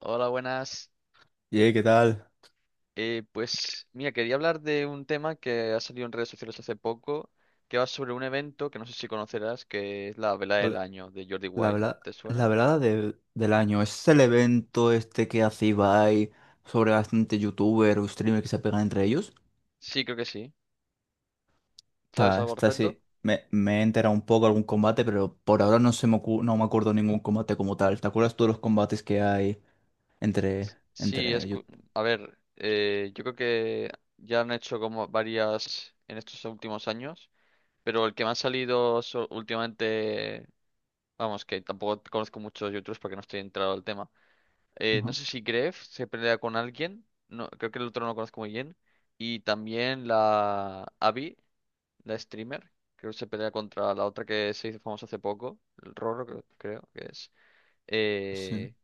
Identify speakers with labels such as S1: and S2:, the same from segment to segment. S1: Hola, buenas.
S2: Ye, ¿qué tal?
S1: Pues mira, quería hablar de un tema que ha salido en redes sociales hace poco, que va sobre un evento que no sé si conocerás, que es la Vela del
S2: Ole,
S1: Año de Jordi
S2: La
S1: Wild.
S2: verdad,
S1: ¿Te
S2: la
S1: suena?
S2: verdad de del año, es el evento este que hace Ibai sobre bastante youtuber o streamer que se pegan entre ellos.
S1: Sí, creo que sí. ¿Sabes
S2: Está,
S1: algo al
S2: está
S1: respecto?
S2: así. Me he enterado un poco algún combate, pero por ahora no me acuerdo ningún combate como tal. ¿Te acuerdas tú de los combates que hay entre,
S1: Sí, es...
S2: entre youtubers?
S1: A ver, yo creo que ya han hecho como varias en estos últimos años, pero el que me ha salido últimamente, vamos, que tampoco conozco muchos youtubers porque no estoy entrado al tema. No sé si Gref se pelea con alguien. No, creo que el otro no lo conozco muy bien. Y también la Abby, la streamer. Creo que se pelea contra la otra que se hizo famosa hace poco. El Roro, creo que es.
S2: Sí.
S1: Eh,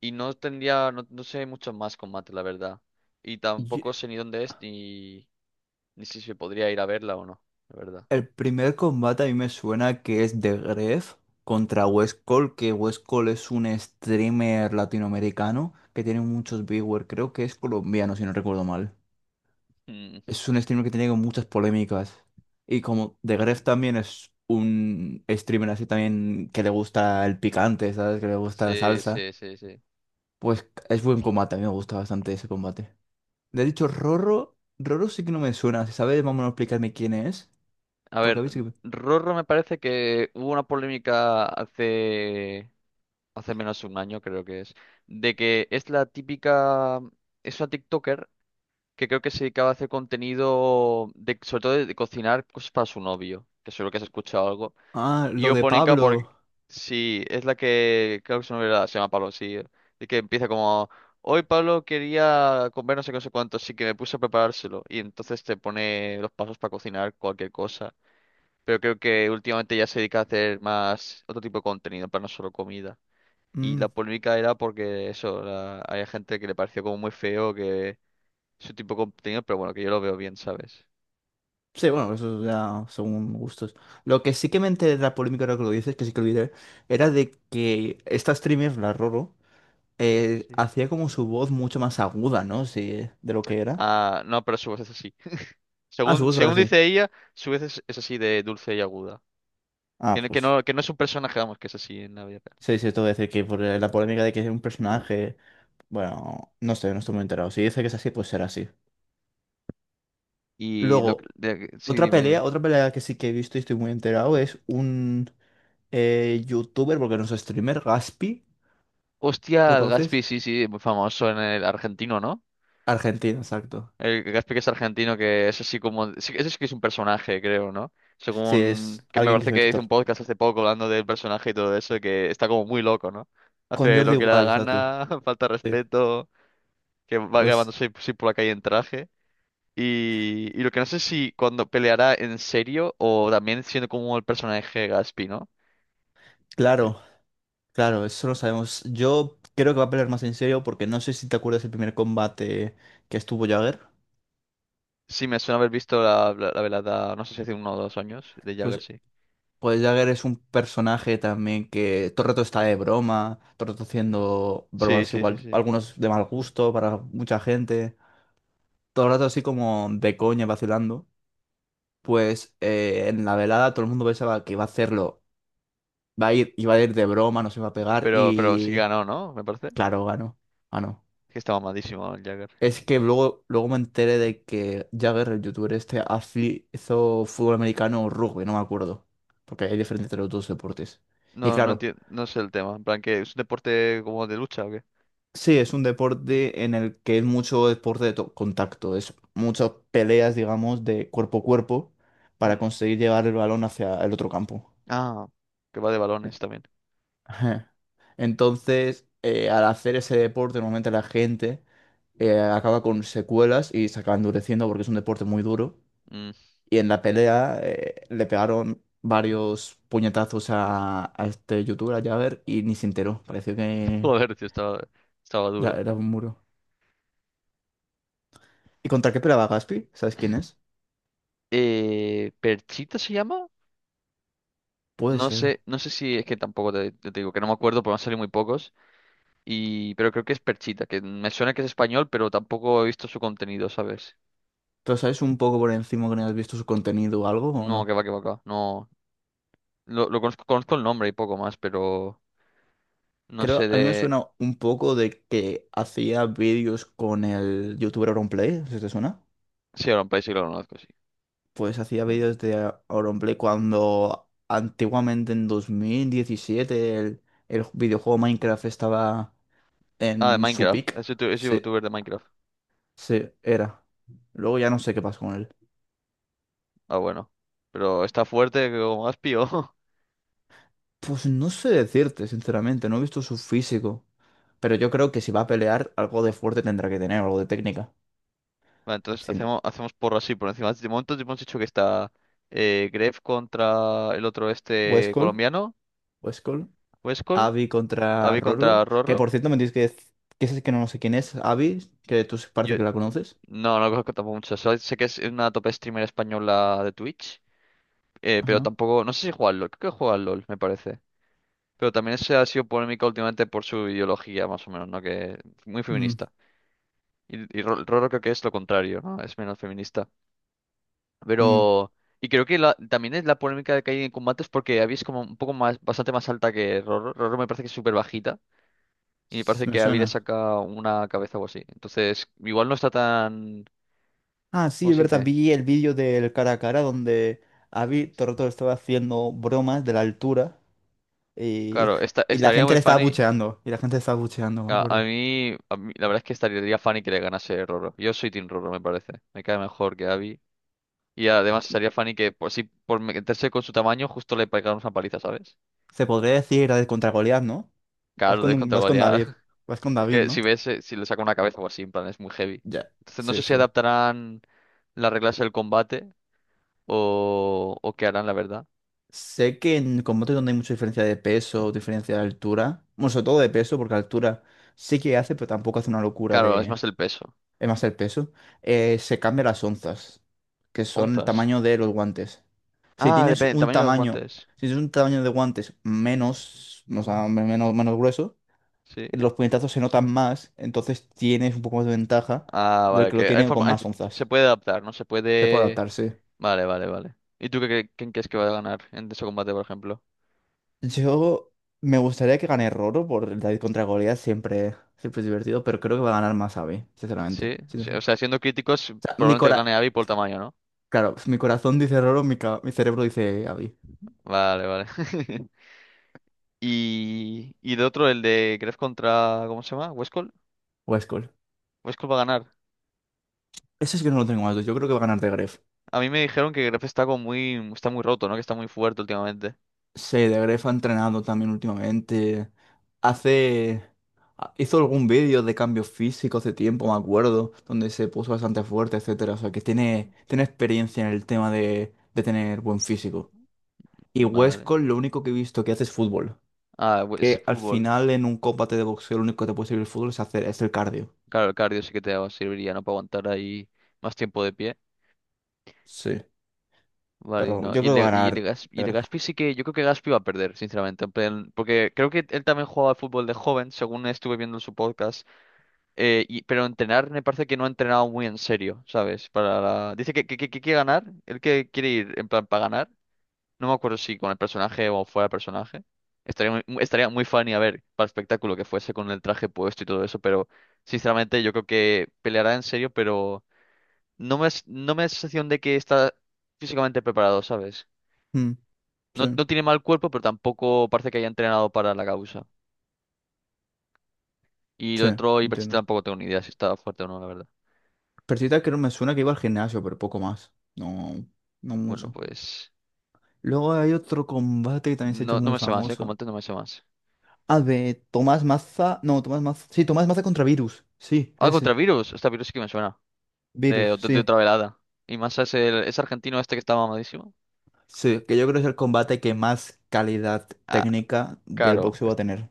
S1: y no tendría. No, no sé mucho más combate, la verdad. Y tampoco sé ni dónde es ni si se podría ir a verla o no, la verdad.
S2: El primer combate a mí me suena que es The Gref contra West Cole, que West Cole es un streamer latinoamericano que tiene muchos viewers, creo que es colombiano si no recuerdo mal.
S1: Mm.
S2: Es
S1: es-
S2: un streamer que tiene como muchas polémicas. Y como The Gref también es un streamer así también que le gusta el picante, ¿sabes? Que le gusta la
S1: Sí,
S2: salsa.
S1: sí, sí, sí.
S2: Pues es buen combate, a mí me gusta bastante ese combate. Le he dicho Rorro, Rorro sí que no me suena, si sabes, vamos a explicarme quién es,
S1: A
S2: porque
S1: ver,
S2: a mí sí que...
S1: Rorro me parece que hubo una polémica hace menos de un año creo que es, de que es la típica, es una TikToker que creo que se dedicaba a hacer contenido de, sobre todo de cocinar cosas para su novio, que seguro que has escuchado algo.
S2: Ah,
S1: Y
S2: lo
S1: yo
S2: de
S1: ponica porque
S2: Pablo.
S1: sí, es la que creo que su novio se llama Pablo, sí, y que empieza como hoy Pablo quería comer no sé qué, no sé cuánto, así que me puse a preparárselo. Y entonces te pone los pasos para cocinar cualquier cosa. Pero creo que últimamente ya se dedica a hacer más otro tipo de contenido, para no solo comida. Y
S2: Mm.
S1: la polémica era porque eso, había gente que le pareció como muy feo que su tipo de contenido, pero bueno, que yo lo veo bien, ¿sabes?
S2: Sí, bueno, eso ya según gustos. Lo que sí que me enteré de la polémica, ahora que lo dices, que sí que olvidé, era de que esta streamer, la Roro,
S1: Sí.
S2: hacía como su voz mucho más aguda, ¿no? Sí, de lo que era.
S1: Ah, no, pero su voz es así.
S2: Ah, su
S1: Según,
S2: voz era
S1: según
S2: así.
S1: dice ella, su voz es así de dulce y aguda.
S2: Ah,
S1: Que no, que
S2: pues.
S1: no, que no es un personaje, vamos, que es así en la vida real.
S2: Sí, sí, esto voy a decir que por la polémica de que es un personaje. Bueno, no sé, no estoy muy enterado. Si dice que es así, pues será así.
S1: Y lo que-
S2: Luego,
S1: de- sí,
S2: otra
S1: dime,
S2: pelea,
S1: dime.
S2: otra pelea que sí que he visto y estoy muy enterado es un youtuber, porque no es streamer, Gaspi.
S1: Hostia,
S2: ¿Lo
S1: el Gaspi,
S2: conoces?
S1: sí, sí, muy famoso en el argentino, ¿no?
S2: Argentina, exacto.
S1: El Gaspi que es argentino, que es así como... sí, ese sí que es un personaje, creo, ¿no?
S2: Sí,
S1: Según...
S2: es
S1: que me
S2: alguien que
S1: parece
S2: se mete
S1: que hizo un
S2: tor.
S1: podcast hace poco hablando del personaje y todo eso, que está como muy loco, ¿no?
S2: Con
S1: Hace
S2: Jordi
S1: lo que le da la
S2: igual, exacto.
S1: gana, falta
S2: Sí.
S1: respeto, que va
S2: Pues
S1: grabándose así por la calle en traje. Y lo que no sé si cuando peleará en serio o también siendo como el personaje Gaspi, ¿no?
S2: claro, claro, eso lo sabemos. Yo creo que va a pelear más en serio porque no sé si te acuerdas el primer combate que estuvo Jagger.
S1: Sí, me suena haber visto la velada, no sé si hace uno o dos años, de Jagger,
S2: Pues,
S1: sí.
S2: pues Jagger es un personaje también que todo el rato está de broma, todo el rato haciendo
S1: Sí,
S2: bromas
S1: sí, sí,
S2: igual,
S1: sí.
S2: algunos de mal gusto para mucha gente. Todo el rato así como de coña, vacilando. Pues en la velada todo el mundo pensaba que iba a hacerlo, iba a ir de broma, nos iba a pegar
S1: Pero sí que
S2: y...
S1: ganó, ¿no? Me parece.
S2: Claro, ganó. Ganó.
S1: Que estaba mamadísimo el Jagger.
S2: Es que luego me enteré de que Jagger, el youtuber este, hizo fútbol americano o rugby, no me acuerdo. Porque hay diferencia entre los dos deportes. Y
S1: No, no
S2: claro,
S1: entiendo, no sé el tema. En plan, ¿que es un deporte como de lucha o qué?
S2: sí, es un deporte en el que es mucho deporte de contacto. Es muchas peleas, digamos, de cuerpo a cuerpo para
S1: Mm.
S2: conseguir llevar el balón hacia el otro campo.
S1: Ah, que va de balones también.
S2: Ajá. Entonces, al hacer ese deporte, normalmente la gente acaba con secuelas y se acaba endureciendo porque es un deporte muy duro.
S1: Mm.
S2: Y en la pelea le pegaron varios puñetazos a este youtuber, a Jagger, y ni se enteró. Pareció que
S1: Joder, tío, estaba, duro.
S2: era un muro. ¿Y contra qué peleaba Gaspi? ¿Sabes quién es?
S1: ¿Perchita se llama?
S2: Puede
S1: No
S2: ser.
S1: sé, no sé si es que tampoco te digo que no me acuerdo, porque me han salido muy pocos. Y, pero creo que es Perchita, que me suena que es español, pero tampoco he visto su contenido, ¿sabes?
S2: ¿Pero sabes un poco por encima que no has visto su contenido o algo o
S1: No,
S2: no?
S1: que va, que va, que va. No, lo conozco, conozco el nombre y poco más, pero no sé
S2: Creo, a mí me
S1: de...
S2: suena un poco de que hacía vídeos con el youtuber Auronplay, ¿se te suena?
S1: Sí, ahora un país sí que lo conozco, sí.
S2: Pues hacía vídeos de Auronplay cuando antiguamente en 2017 el videojuego Minecraft estaba
S1: Ah, de
S2: en su
S1: Minecraft,
S2: pick.
S1: es es
S2: Sí,
S1: youtuber de Minecraft.
S2: sí, era. Luego ya no sé qué pasa con él.
S1: Ah, bueno. Pero está fuerte como has pío.
S2: Pues no sé decirte, sinceramente, no he visto su físico. Pero yo creo que si va a pelear, algo de fuerte tendrá que tener, algo de técnica.
S1: Vale, entonces
S2: Sin
S1: hacemos porro así por encima. De momento hemos dicho que está Gref contra el otro este
S2: Westcall,
S1: colombiano,
S2: Westcall,
S1: Westcol,
S2: Abby contra
S1: Avi contra
S2: Rorgu. Que
S1: Rorro.
S2: por cierto me tienes que decir que es que no sé quién es, Abby, que tú
S1: Yo
S2: parece que la conoces.
S1: no, no conozco tampoco mucho. Solo sé que es una top streamer española de Twitch. Pero
S2: Ajá.
S1: tampoco. No sé si juega al LOL. Creo que juega al LOL, me parece. Pero también se ha sido polémica últimamente por su ideología, más o menos, ¿no? Que muy
S2: Mm,
S1: feminista. Y Rorro creo que es lo contrario, ¿no? Es menos feminista.
S2: mm,
S1: Pero, y creo que también es la polémica que hay en combates porque Abby es como un poco más, bastante más alta que Roro. Roro me parece que es súper bajita y me parece
S2: me
S1: que Abby le
S2: suena.
S1: saca una cabeza o así. Entonces, igual no está tan,
S2: Ah,
S1: ¿cómo
S2: sí, es
S1: se
S2: verdad,
S1: dice?
S2: vi el vídeo del cara a cara donde Abby todo el rato estaba haciendo bromas de la altura. Y,
S1: Claro,
S2: y la
S1: estaría
S2: gente
S1: muy
S2: le estaba
S1: funny.
S2: bucheando. Y la gente le estaba bucheando, me
S1: A, a
S2: acuerdo.
S1: mí, a mí- la verdad es que estaría funny que le ganase Roro. Yo soy Team Roro, me parece. Me cae mejor que Abby. Y además estaría funny que, por si por meterse con su tamaño, justo le pegara una paliza, ¿sabes?
S2: Se podría decir la de contra Goliat, ¿no?
S1: Claro, de contra
S2: Vas con
S1: Goliat.
S2: David. Vas con
S1: Es
S2: David,
S1: que si
S2: ¿no?
S1: ves, si le saca una cabeza o así, en plan, es muy heavy.
S2: Ya.
S1: Entonces no
S2: Sí,
S1: sé si
S2: sí.
S1: adaptarán las reglas del combate o qué harán, la verdad.
S2: Sé que en combate donde hay mucha diferencia de peso, diferencia de altura. Bueno, sobre todo de peso, porque altura sí que hace, pero tampoco hace una locura
S1: Claro, es
S2: de.
S1: más el peso.
S2: Es más el peso. Se cambian las onzas, que son el
S1: Onzas.
S2: tamaño de los guantes. Si
S1: Ah,
S2: tienes
S1: depende del
S2: un
S1: tamaño de los
S2: tamaño.
S1: guantes.
S2: Si tienes un tamaño de guantes menos, o sea, menos grueso
S1: Sí.
S2: los puñetazos se notan más, entonces tienes un poco más de ventaja
S1: Ah,
S2: del
S1: vale,
S2: que lo
S1: que hay
S2: tiene con
S1: forma,
S2: más
S1: se
S2: onzas.
S1: puede adaptar, ¿no? Se
S2: Se puede
S1: puede...
S2: adaptar, sí.
S1: Vale, vale, vale. ¿Y tú qué, quién crees que va a ganar en ese combate, por ejemplo?
S2: Yo me gustaría que gane Roro por el David contra Goliath, siempre, siempre es divertido, pero creo que va a ganar Masabi, sinceramente.
S1: Sí,
S2: Sí, sí,
S1: sí.
S2: sí. O
S1: O sea, siendo críticos,
S2: sea, mi
S1: probablemente gane
S2: cora...
S1: Abby por tamaño, ¿no?
S2: Claro, mi corazón dice Roro, mi cerebro dice Abby.
S1: Vale, vale. Y de otro, el de Gref contra... ¿Cómo se llama? ¿Westcol?
S2: O Skull.
S1: Westcol va a ganar.
S2: Eso es que no lo tengo más. Yo creo que va a ganar de.
S1: A mí me dijeron que Gref está como muy, está muy roto, ¿no? Que está muy fuerte últimamente.
S2: Sí, de Grefg ha entrenado también últimamente. Hace... Hizo algún vídeo de cambios físicos hace tiempo, me acuerdo, donde se puso bastante fuerte, etcétera. O sea, que tiene experiencia en el tema de tener buen físico.
S1: Ujú.
S2: Y
S1: Vale.
S2: Westcott lo único que he visto que hace es fútbol.
S1: Ah, ese
S2: Que al
S1: fútbol.
S2: final en un combate de boxeo lo único que te puede servir el fútbol es el cardio.
S1: Claro, el cardio sí que te serviría, ¿no? Para aguantar ahí más tiempo de pie.
S2: Sí.
S1: Vale, y
S2: Pero
S1: no.
S2: yo
S1: Y
S2: creo que va
S1: de,
S2: a
S1: y de,
S2: ganar
S1: Gas-
S2: de
S1: y de
S2: Grefg.
S1: Gaspi sí que. Yo creo que Gaspi va a perder, sinceramente. En plan, porque creo que él también jugaba al fútbol de joven, según estuve viendo en su podcast. Y pero entrenar me parece que no ha entrenado muy en serio, ¿sabes? Dice que quiere ganar. Él que quiere ir en plan para ganar. No me acuerdo si con el personaje o fuera del personaje. Estaría muy, estaría muy funny a ver para el espectáculo que fuese con el traje puesto y todo eso, pero sinceramente yo creo que peleará en serio, pero no me da sensación de que está físicamente preparado, ¿sabes?
S2: Mm,
S1: No,
S2: sí,
S1: no tiene mal cuerpo, pero tampoco parece que haya entrenado para la causa. Y lo
S2: sí,
S1: otro, y Iberchita
S2: entiendo.
S1: tampoco tengo ni idea si está fuerte o no, la verdad.
S2: Persita creo me suena que iba al gimnasio, pero poco más. No, no
S1: Bueno,
S2: mucho.
S1: pues
S2: Luego hay otro combate que también se ha hecho
S1: no, no
S2: muy
S1: me sé más, ¿eh? Como
S2: famoso.
S1: antes no me sé más.
S2: Ah, de Tomás Maza. No, Tomás Maza. Sí, Tomás Maza contra Virus. Sí,
S1: Ah, contra
S2: ese.
S1: Virus. Esta Virus sí que me suena.
S2: Virus,
S1: De
S2: sí.
S1: otra velada. Y más es el, es argentino este que está mamadísimo.
S2: Sí, que yo creo que es el combate que más calidad técnica del
S1: Claro,
S2: boxeo va a tener.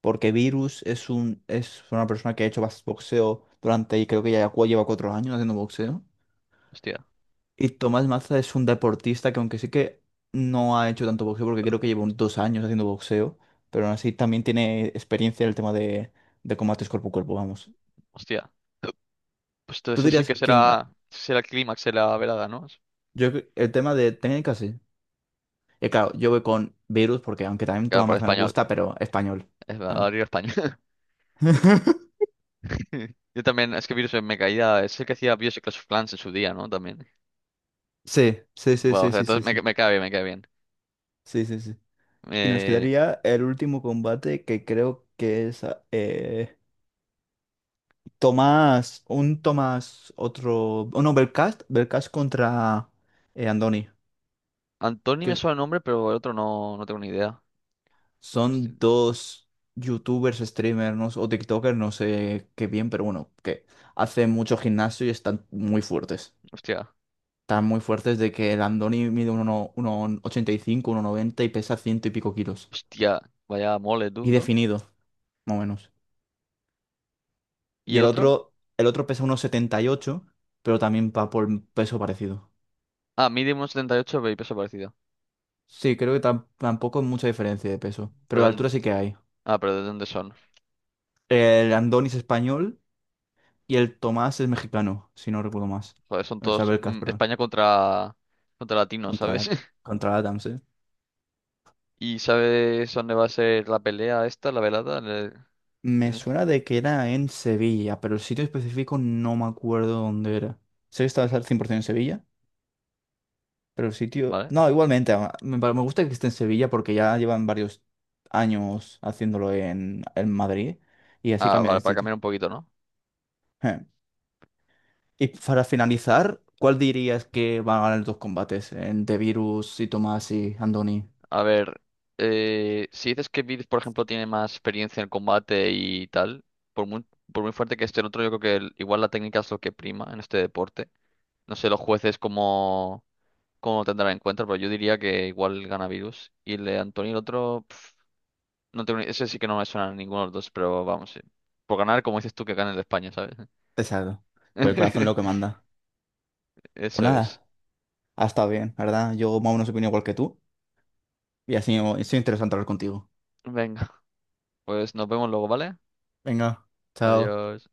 S2: Porque Virus es una persona que ha hecho boxeo durante, y creo que ya lleva 4 años haciendo boxeo.
S1: hostia,
S2: Y Tomás Maza es un deportista que aunque sí que no ha hecho tanto boxeo, porque creo que lleva unos 2 años haciendo boxeo, pero aún así también tiene experiencia en el tema de combates cuerpo a cuerpo, vamos.
S1: hostia. Pues
S2: Tú
S1: entonces ese sí
S2: dirías
S1: que
S2: que en-
S1: será el clímax de la velada, ¿no?
S2: yo, cre- El tema de técnicas, sí. Y claro, yo voy con Virus porque aunque también
S1: Claro,
S2: Tomás
S1: por
S2: Maza me
S1: español.
S2: gusta, pero español.
S1: Es
S2: Claro.
S1: horario español. Yo también, es que Virus me caía, es el que hacía Bioshock Clash of Clans en su día, ¿no? También.
S2: Sí, sí, sí,
S1: Bueno, o
S2: sí,
S1: sea,
S2: sí,
S1: entonces
S2: sí,
S1: me,
S2: sí,
S1: me cae bien, me cae bien.
S2: sí, sí, sí. Y nos
S1: Eh,
S2: quedaría el último combate que creo que es eh, Tomás, un Tomás, otro, oh, no, Belcast contra Andoni,
S1: Antoni me
S2: que
S1: suena el nombre, pero el otro no, no tengo ni idea. Hosti-
S2: son dos youtubers, streamers, no sé, o TikTokers, no sé qué bien, pero bueno, que hacen mucho gimnasio y están muy fuertes.
S1: Hostia,
S2: Están muy fuertes de que el Andoni mide 1,85, uno 1,90 y pesa ciento y pico kilos.
S1: hostia, vaya mole tú,
S2: Y
S1: ¿no?
S2: definido, más o menos.
S1: ¿Y
S2: Y
S1: el
S2: el
S1: otro?
S2: otro, el otro pesa 1,78 pero también va por peso parecido.
S1: Ah, Medium 78 y ocho y peso parecido.
S2: Sí, creo que tampoco hay mucha diferencia de peso, pero
S1: Pero,
S2: de altura
S1: en-
S2: sí que hay.
S1: ah, pero ¿de dónde son?
S2: El Andoni es español y el Tomás es mexicano, si no recuerdo más.
S1: Joder, son
S2: El
S1: todos
S2: Sabelcas,
S1: mm,
S2: perdón.
S1: España contra, contra latinos,
S2: Contra la,
S1: ¿sabes?
S2: contra la Adams, ¿eh?
S1: ¿Y sabes dónde va a ser la pelea esta, la velada?
S2: Me
S1: Tienes-
S2: suena de que era en Sevilla, pero el sitio específico no me acuerdo dónde era. Sé que estaba al 100% en Sevilla, pero el sitio...
S1: ¿Vale?
S2: No, igualmente, me gusta que esté en Sevilla porque ya llevan varios años haciéndolo en Madrid y así
S1: Ah,
S2: cambia
S1: vale,
S2: de
S1: para
S2: sitio.
S1: cambiar un poquito, ¿no?
S2: Y para finalizar, ¿cuál dirías que van a ganar los dos combates? En The Virus y Tomás y Andoni.
S1: A ver, si dices que Vid, por ejemplo, tiene más experiencia en el combate y tal, por muy, por muy fuerte que esté el otro, yo creo que igual la técnica es lo que prima en este deporte. No sé los jueces cómo lo tendrán en cuenta, pero yo diría que igual gana Virus. Y el de Antonio, el otro, pf, no tengo ni- ese sí que no me suena a ninguno de los dos, pero vamos, sí. Por ganar, como dices tú, que gane el de España, ¿sabes?
S2: Exacto. Con el corazón lo que manda. Pues
S1: Eso es.
S2: nada, ha estado bien, ¿verdad? Yo más o menos opino igual que tú. Y así es interesante hablar contigo.
S1: Venga. Pues nos vemos luego, ¿vale?
S2: Venga, chao.
S1: Adiós.